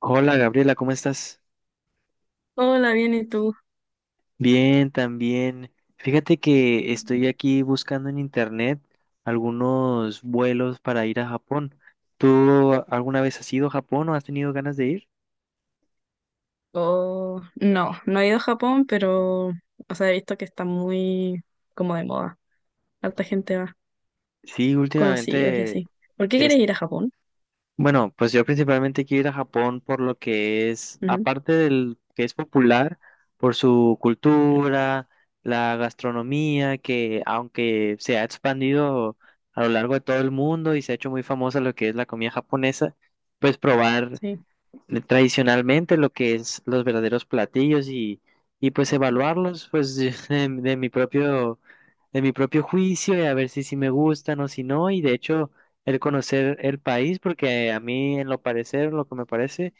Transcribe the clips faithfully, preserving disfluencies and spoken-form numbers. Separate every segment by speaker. Speaker 1: Hola Gabriela, ¿cómo estás?
Speaker 2: Hola, bien, ¿y tú?
Speaker 1: Bien, también. Fíjate que estoy aquí buscando en internet algunos vuelos para ir a Japón. ¿Tú alguna vez has ido a Japón o has tenido ganas de ir?
Speaker 2: Oh, no, no he ido a Japón, pero, o sea, he visto que está muy como de moda. Harta gente va,
Speaker 1: Sí,
Speaker 2: conocidos y
Speaker 1: últimamente.
Speaker 2: así. ¿Por qué
Speaker 1: He
Speaker 2: quieres ir a Japón?
Speaker 1: Bueno, pues yo principalmente quiero ir a Japón por lo que es,
Speaker 2: Ujú,
Speaker 1: aparte del que es popular, por su cultura, la gastronomía, que aunque se ha expandido a lo largo de todo el mundo y se ha hecho muy famosa lo que es la comida japonesa, pues probar
Speaker 2: sí.
Speaker 1: tradicionalmente lo que es los verdaderos platillos, y, y pues evaluarlos, pues, de, de mi propio de mi propio juicio, y a ver si sí me gustan o si no. Y de hecho, el conocer el país, porque a mí en lo parecer lo que me parece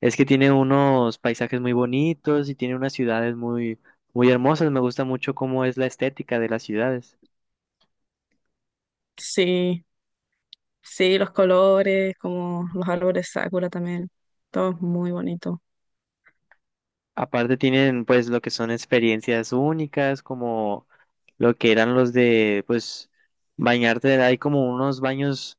Speaker 1: es que tiene unos paisajes muy bonitos y tiene unas ciudades muy muy hermosas. Me gusta mucho cómo es la estética de las ciudades.
Speaker 2: Sí, sí, los colores, como los árboles Sakura también. Todo es muy bonito.
Speaker 1: Aparte tienen, pues, lo que son experiencias únicas, como lo que eran los de, pues, bañarte. Hay como unos baños,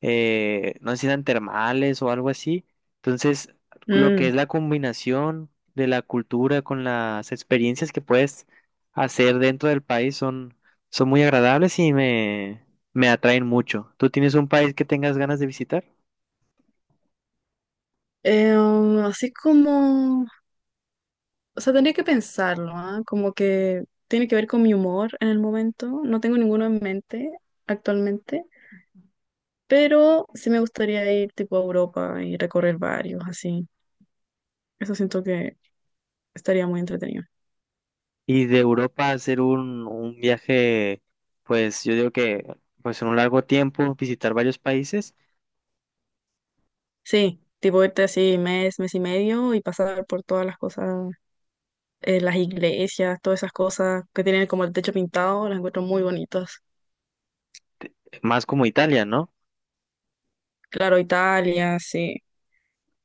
Speaker 1: eh, no sé si eran termales o algo así. Entonces, lo que es
Speaker 2: Mm,
Speaker 1: la combinación de la cultura con las experiencias que puedes hacer dentro del país son, son muy agradables, y me, me atraen mucho. ¿Tú tienes un país que tengas ganas de visitar?
Speaker 2: eh, um, así como, o sea, tendría que pensarlo, ¿ah? Como que tiene que ver con mi humor en el momento. No tengo ninguno en mente actualmente. Pero sí me gustaría ir tipo a Europa y recorrer varios, así. Eso siento que estaría muy entretenido.
Speaker 1: Y de Europa hacer un, un viaje, pues yo digo que, pues, en un largo tiempo visitar varios países,
Speaker 2: Sí, tipo irte así mes, mes y medio y pasar por todas las cosas, eh, las iglesias, todas esas cosas que tienen como el techo pintado, las encuentro muy bonitas.
Speaker 1: más como Italia, ¿no?
Speaker 2: Claro, Italia, sí.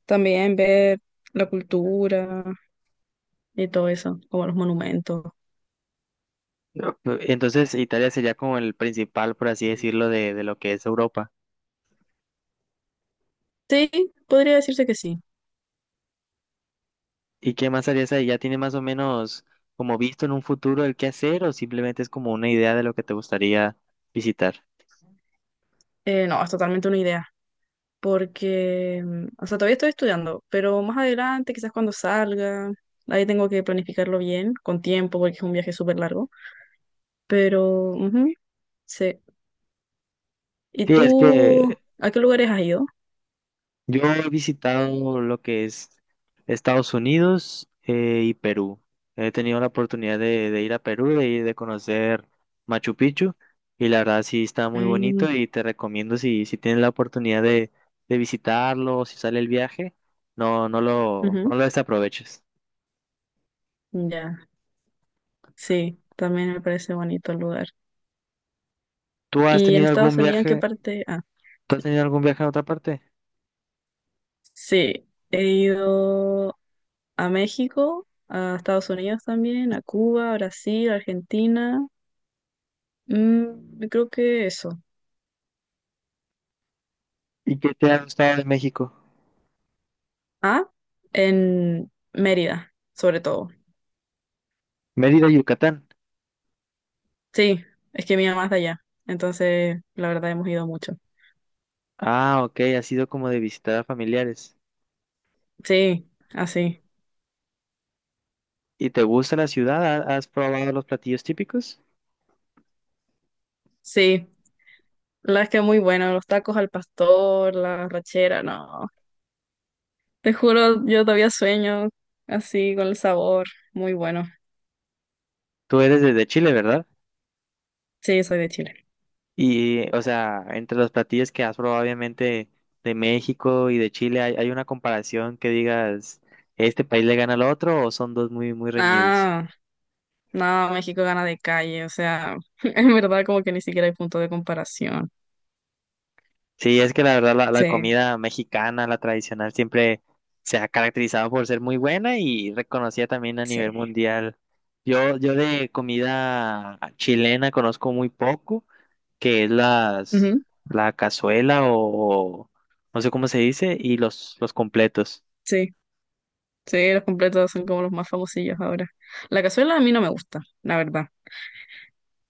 Speaker 2: También ver la cultura y todo eso, como los monumentos.
Speaker 1: No. Entonces Italia sería como el principal, por así decirlo, de, de lo que es Europa.
Speaker 2: Sí, podría decirse que sí.
Speaker 1: ¿Y qué más harías ahí? ¿Ya tiene más o menos como visto en un futuro el qué hacer, o simplemente es como una idea de lo que te gustaría visitar?
Speaker 2: Eh, no, es totalmente una idea. Porque, mm, o sea, todavía estoy estudiando, pero más adelante, quizás cuando salga, ahí tengo que planificarlo bien, con tiempo, porque es un viaje súper largo, pero, ujú, sí. ¿Y
Speaker 1: Sí, es
Speaker 2: tú,
Speaker 1: que
Speaker 2: a qué lugares has ido?
Speaker 1: yo he visitado lo que es Estados Unidos, eh, y Perú. He tenido la oportunidad de, de ir a Perú, de ir de conocer Machu Picchu, y la verdad sí está muy bonito.
Speaker 2: Mm,
Speaker 1: Y te recomiendo, si, si tienes la oportunidad de, de visitarlo, si sale el viaje, no, no lo,
Speaker 2: ujú,
Speaker 1: no lo desaproveches.
Speaker 2: Ya, sí, también me parece bonito el lugar.
Speaker 1: ¿Tú has
Speaker 2: ¿Y en
Speaker 1: tenido
Speaker 2: Estados
Speaker 1: algún
Speaker 2: Unidos, en qué
Speaker 1: viaje,
Speaker 2: parte? Ah,
Speaker 1: tú has tenido algún viaje a otra parte?
Speaker 2: sí, he ido a México, a Estados Unidos también, a Cuba, Brasil, Argentina. Mm, creo que eso.
Speaker 1: ¿Y qué te ha gustado de México?
Speaker 2: Ah, en Mérida, sobre todo.
Speaker 1: Mérida, Yucatán.
Speaker 2: Sí, es que mi mamá es de allá, entonces la verdad hemos ido mucho.
Speaker 1: Ah, ok, ha sido como de visitar a familiares.
Speaker 2: Sí, así.
Speaker 1: ¿Y te gusta la ciudad? ¿Ha- ¿Has probado los platillos típicos?
Speaker 2: Sí, la verdad es que muy bueno, los tacos al pastor, la rachera, no. Te juro, yo todavía sueño así con el sabor, muy bueno.
Speaker 1: Tú eres desde Chile, ¿verdad?
Speaker 2: Sí, soy de Chile.
Speaker 1: Y, o sea, entre los platillos que has probado, obviamente, de México y de Chile, ¿hay, hay una comparación que digas, este país le gana al otro, o son dos muy, muy reñidos?
Speaker 2: Ah, no, México gana de calle, o sea, en verdad como que ni siquiera hay punto de comparación.
Speaker 1: Sí, es que la verdad, la, la
Speaker 2: Sí,
Speaker 1: comida mexicana, la tradicional, siempre se ha caracterizado por ser muy buena y reconocida también a nivel
Speaker 2: sí.
Speaker 1: mundial. Yo, yo de comida chilena conozco muy poco. Que es las,
Speaker 2: Ujú,
Speaker 1: la cazuela, o no sé cómo se dice, y los, los completos.
Speaker 2: sí. Sí, los completos son como los más famosillos ahora. La cazuela a mí no me gusta, la verdad.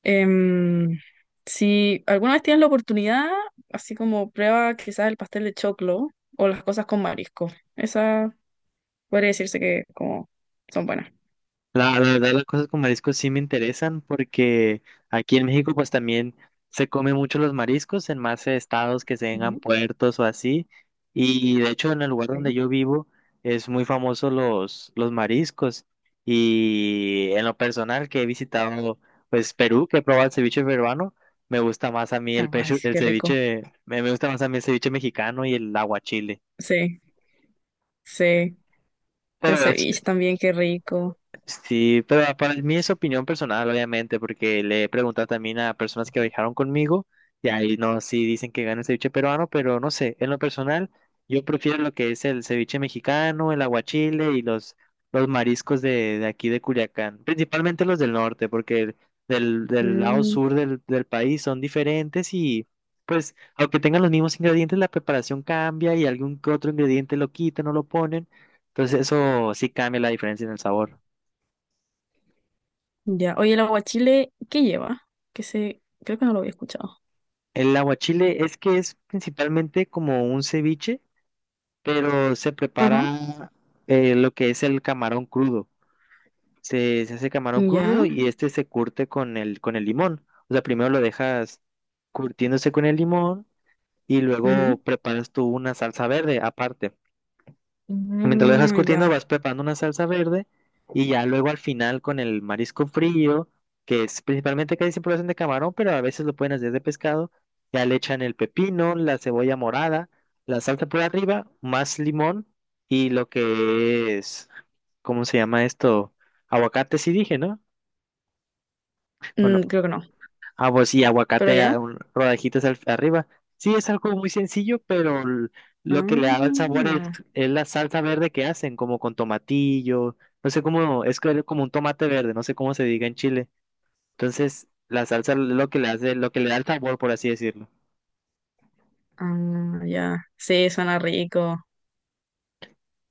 Speaker 2: Em, si alguna vez tienes la oportunidad, así como prueba quizás el pastel de choclo o las cosas con marisco. Esa podría decirse que como son buenas.
Speaker 1: La, la verdad, las cosas con mariscos sí me interesan, porque aquí en México pues también se come mucho los mariscos en más estados que tengan
Speaker 2: Ujú,
Speaker 1: puertos o así. Y de hecho en el lugar donde
Speaker 2: sí.
Speaker 1: yo vivo es muy famoso los, los mariscos. Y en lo personal que he visitado, pues, Perú, que he probado el ceviche peruano, me gusta más a mí el,
Speaker 2: Ay,
Speaker 1: peru-
Speaker 2: sí,
Speaker 1: el
Speaker 2: qué rico.
Speaker 1: ceviche, me me gusta más a mí el ceviche mexicano y el aguachile.
Speaker 2: Sí, sí. El
Speaker 1: Pero es,
Speaker 2: ceviche también, qué rico.
Speaker 1: Sí, pero para mí es opinión personal, obviamente, porque le he preguntado también a personas que viajaron conmigo, y ahí no, sí dicen que gana el ceviche peruano, pero no sé, en lo personal yo prefiero lo que es el ceviche mexicano, el aguachile y los, los mariscos de, de aquí de Culiacán, principalmente los del norte, porque del, del lado
Speaker 2: Mm,
Speaker 1: sur del, del país son diferentes, y pues aunque tengan los mismos ingredientes, la preparación cambia y algún que otro ingrediente lo quitan o lo ponen, entonces eso sí cambia la diferencia en el sabor.
Speaker 2: ya. Oye, el aguachile, ¿qué lleva? Que se, creo que no lo había escuchado.
Speaker 1: El aguachile es que es principalmente como un ceviche, pero se
Speaker 2: Ajá.
Speaker 1: prepara, eh, lo que es el camarón crudo. Se, se hace camarón crudo,
Speaker 2: Ya.
Speaker 1: y este se curte con el, con el limón. O sea, primero lo dejas curtiéndose con el limón y luego
Speaker 2: ujú.
Speaker 1: preparas tú una salsa verde aparte. Mientras lo dejas
Speaker 2: Ah,
Speaker 1: curtiendo,
Speaker 2: ya.
Speaker 1: vas preparando una salsa verde, y ya luego al final con el marisco frío, que es principalmente, casi siempre lo hacen de camarón, pero a veces lo pueden hacer de pescado, ya le echan el pepino, la cebolla morada, la salsa por arriba, más limón, y lo que es, ¿cómo se llama esto? Aguacate, sí dije, ¿no?
Speaker 2: Mm,
Speaker 1: Bueno.
Speaker 2: creo que no,
Speaker 1: Ah, pues sí,
Speaker 2: pero
Speaker 1: aguacate,
Speaker 2: ya.
Speaker 1: a- un- rodajitas al- arriba. Sí, es algo muy sencillo, pero l- lo que le da el sabor es,
Speaker 2: Ah,
Speaker 1: es la salsa verde que hacen, como con tomatillo. No sé cómo, es que- como un tomate verde, no sé cómo se diga en Chile. Entonces, la salsa es lo que le hace, lo que le da el sabor, por así decirlo.
Speaker 2: ah, ya. Sí, suena rico.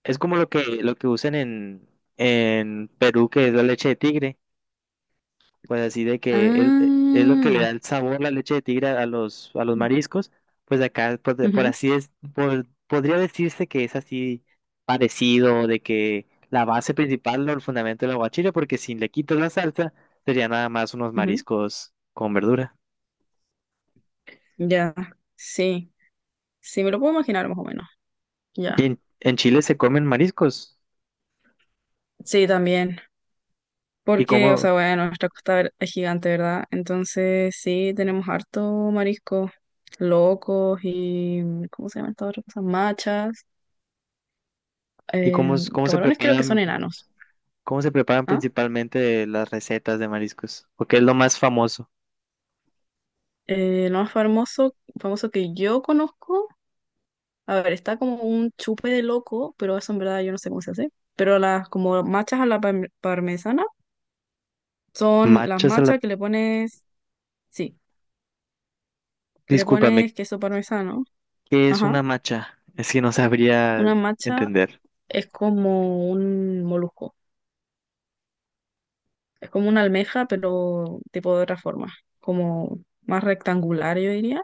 Speaker 1: Es como lo que, lo que usan en, en Perú, que es la leche de tigre. Pues así de que él, eh, es lo que le
Speaker 2: Ah,
Speaker 1: da el sabor la leche de tigre a los, a los mariscos. Pues acá, por, de- por
Speaker 2: ujú,
Speaker 1: así es, por- podría decirse que es así parecido, de que la base principal, o el fundamento del aguachile, porque si le quitas la salsa, sería nada más unos
Speaker 2: ujú.
Speaker 1: mariscos con verdura.
Speaker 2: Ya, sí. Sí, me lo puedo imaginar más o menos.
Speaker 1: Y
Speaker 2: Ya.
Speaker 1: en, en Chile se comen mariscos.
Speaker 2: Sí, también.
Speaker 1: ¿Y
Speaker 2: Porque, o
Speaker 1: cómo,
Speaker 2: sea, bueno, nuestra costa ver- es gigante, ¿verdad? Entonces, sí, tenemos harto marisco, locos y, ¿cómo se llaman estas otras cosas? Machas.
Speaker 1: y
Speaker 2: Eh,
Speaker 1: cómo, es- cómo se
Speaker 2: Camarones creo que son
Speaker 1: preparan,
Speaker 2: enanos.
Speaker 1: ¿Cómo se preparan
Speaker 2: ¿Ah?
Speaker 1: principalmente las recetas de mariscos? Porque es lo más famoso.
Speaker 2: Eh, lo más famoso, famoso que yo conozco. A ver, está como un chupe de loco, pero eso en verdad yo no sé cómo se hace. Pero las como machas a la parm- parmesana son las
Speaker 1: Machos a la.
Speaker 2: machas que le pones, sí, le
Speaker 1: Discúlpame.
Speaker 2: pones queso parmesano.
Speaker 1: ¿Qué es
Speaker 2: Ajá.
Speaker 1: una macha? Es que no sabría
Speaker 2: Una macha
Speaker 1: entender.
Speaker 2: es como un molusco. Es como una almeja, pero tipo de otra forma. Como más rectangular, yo diría.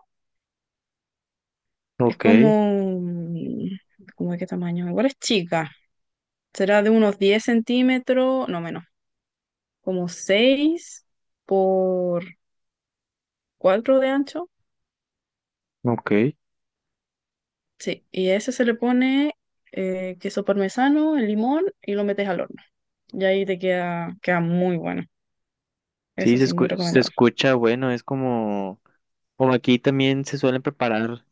Speaker 2: Es
Speaker 1: Ok,
Speaker 2: como, mm, ¿cómo de qué tamaño? Igual es chica. Será de unos diez centímetros, no menos. Como seis por cuatro de ancho,
Speaker 1: ok.
Speaker 2: sí, y a ese se le pone eh, queso parmesano, el limón y lo metes al horno. Y ahí te queda, queda muy bueno.
Speaker 1: Sí,
Speaker 2: Eso
Speaker 1: se
Speaker 2: sí, muy
Speaker 1: escu- se
Speaker 2: recomendado.
Speaker 1: escucha, bueno, es como, como aquí también se suelen preparar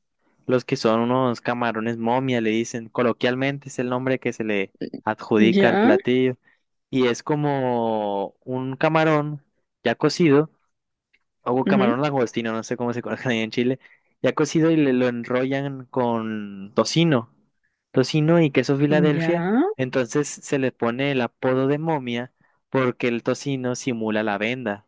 Speaker 1: los que son unos camarones momia, le dicen, coloquialmente es el nombre que se le adjudica al
Speaker 2: Ya,
Speaker 1: platillo. Y es como un camarón ya cocido, o
Speaker 2: ujú,
Speaker 1: camarón langostino, no sé cómo se conoce ahí en Chile, ya cocido, y le- lo enrollan con tocino, tocino y queso
Speaker 2: ya,
Speaker 1: Filadelfia, entonces se le pone el apodo de momia porque el tocino simula la venda.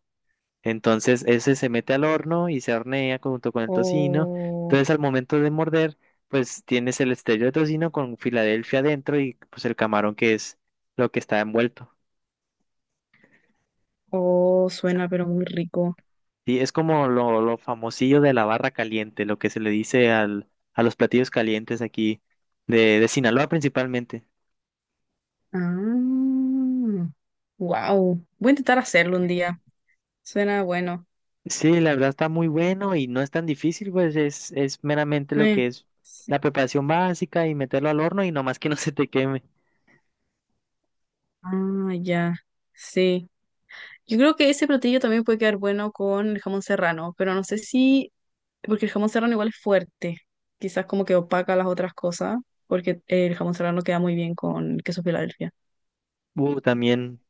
Speaker 1: Entonces ese se mete al horno y se hornea junto con el tocino.
Speaker 2: o
Speaker 1: Entonces al momento de morder, pues tienes el estrello de tocino con Filadelfia adentro y pues el camarón, que es lo que está envuelto.
Speaker 2: o suena pero muy rico.
Speaker 1: Sí, es como lo, lo famosillo de la barra caliente, lo que se le dice al, a los platillos calientes aquí de, de Sinaloa principalmente.
Speaker 2: Ah, wow, voy a intentar hacerlo un día. Suena bueno.
Speaker 1: Sí, la verdad está muy bueno y no es tan difícil, pues es, es meramente lo que
Speaker 2: Eh,
Speaker 1: es
Speaker 2: sí.
Speaker 1: la preparación básica y meterlo al horno y nomás que no se te queme.
Speaker 2: Ah, ya, sí. Yo creo que ese platillo también puede quedar bueno con el jamón serrano, pero no sé si. Porque el jamón serrano igual es fuerte. Quizás como que opaca las otras cosas, porque eh, el jamón serrano queda muy bien con queso Filadelfia.
Speaker 1: Uh, también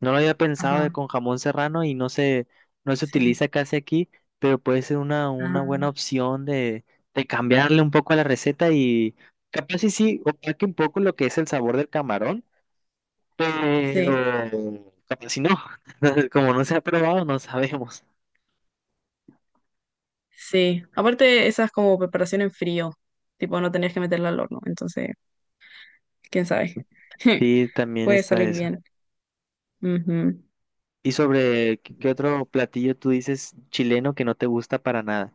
Speaker 1: no lo había pensado de
Speaker 2: Ajá,
Speaker 1: con jamón serrano y no se, no se
Speaker 2: sí.
Speaker 1: utiliza casi aquí, pero puede ser una, una buena
Speaker 2: Ah,
Speaker 1: opción de, de cambiarle un poco a la receta, y capaz y sí, opaque un poco lo que es el sabor del camarón. Pero
Speaker 2: sí,
Speaker 1: capaz si no, como no se ha probado, no sabemos.
Speaker 2: sí. Aparte, esa es como preparación en frío. Tipo, no tenías que meterla al horno. Entonces, quién sabe.
Speaker 1: Sí, también
Speaker 2: Puede
Speaker 1: está
Speaker 2: salir
Speaker 1: eso.
Speaker 2: bien. Ujú.
Speaker 1: ¿Y sobre qué qué otro platillo tú dices chileno que no te gusta para nada?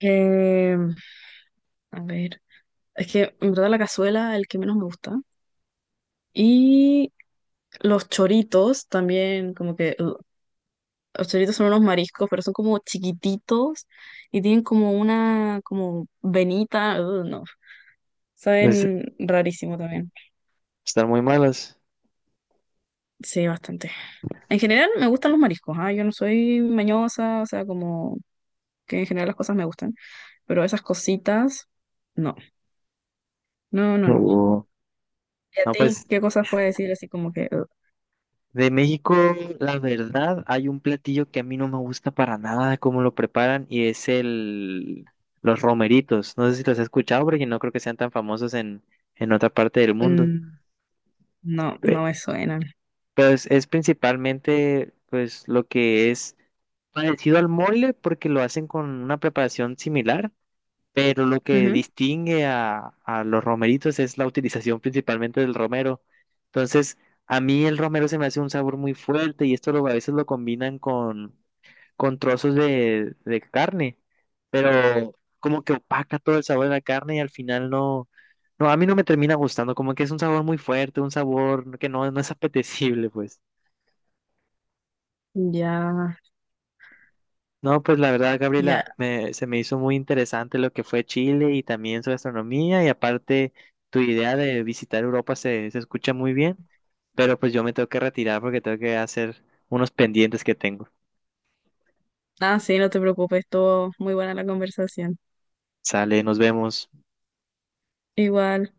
Speaker 2: Eh, a ver. Es que en verdad la cazuela es el que menos me gusta. Y los choritos también, como que. Hasta ahorita son unos mariscos, pero son como chiquititos y tienen como una como venita, uh, no,
Speaker 1: Pues
Speaker 2: saben rarísimo también.
Speaker 1: están muy malas.
Speaker 2: Sí, bastante. En general me gustan los mariscos, ah, Yo no soy mañosa, o sea, como que en general las cosas me gustan, pero esas cositas, no, no, no, no.
Speaker 1: Uh,
Speaker 2: ¿Y a
Speaker 1: No, pues
Speaker 2: ti qué cosas puedes decir así como que uh,
Speaker 1: de México, la verdad, hay un platillo que a mí no me gusta para nada cómo lo preparan, y es el los romeritos. No sé si los has escuchado porque no creo que sean tan famosos en, en otra parte del mundo.
Speaker 2: mm, no, no me suenan?
Speaker 1: Pues es principalmente, pues, lo que es parecido al mole, porque lo hacen con una preparación similar, pero lo que
Speaker 2: Ujú.
Speaker 1: distingue a, a los romeritos es la utilización principalmente del romero. Entonces, a mí el romero se me hace un sabor muy fuerte, y esto lo, a veces lo combinan con, con trozos de, de carne, pero como que opaca todo el sabor de la carne, y al final no, no, a mí no me termina gustando, como que es un sabor muy fuerte, un sabor que no, no es apetecible, pues.
Speaker 2: Ya,
Speaker 1: No, pues la verdad,
Speaker 2: ya.
Speaker 1: Gabriela, me- se me hizo muy interesante lo que fue Chile y también su gastronomía, y aparte tu idea de visitar Europa se, se escucha muy bien, pero pues yo me tengo que retirar porque tengo que hacer unos pendientes que tengo.
Speaker 2: Ah, sí, no te preocupes, todo muy buena la conversación.
Speaker 1: Sale, nos vemos.
Speaker 2: Igual.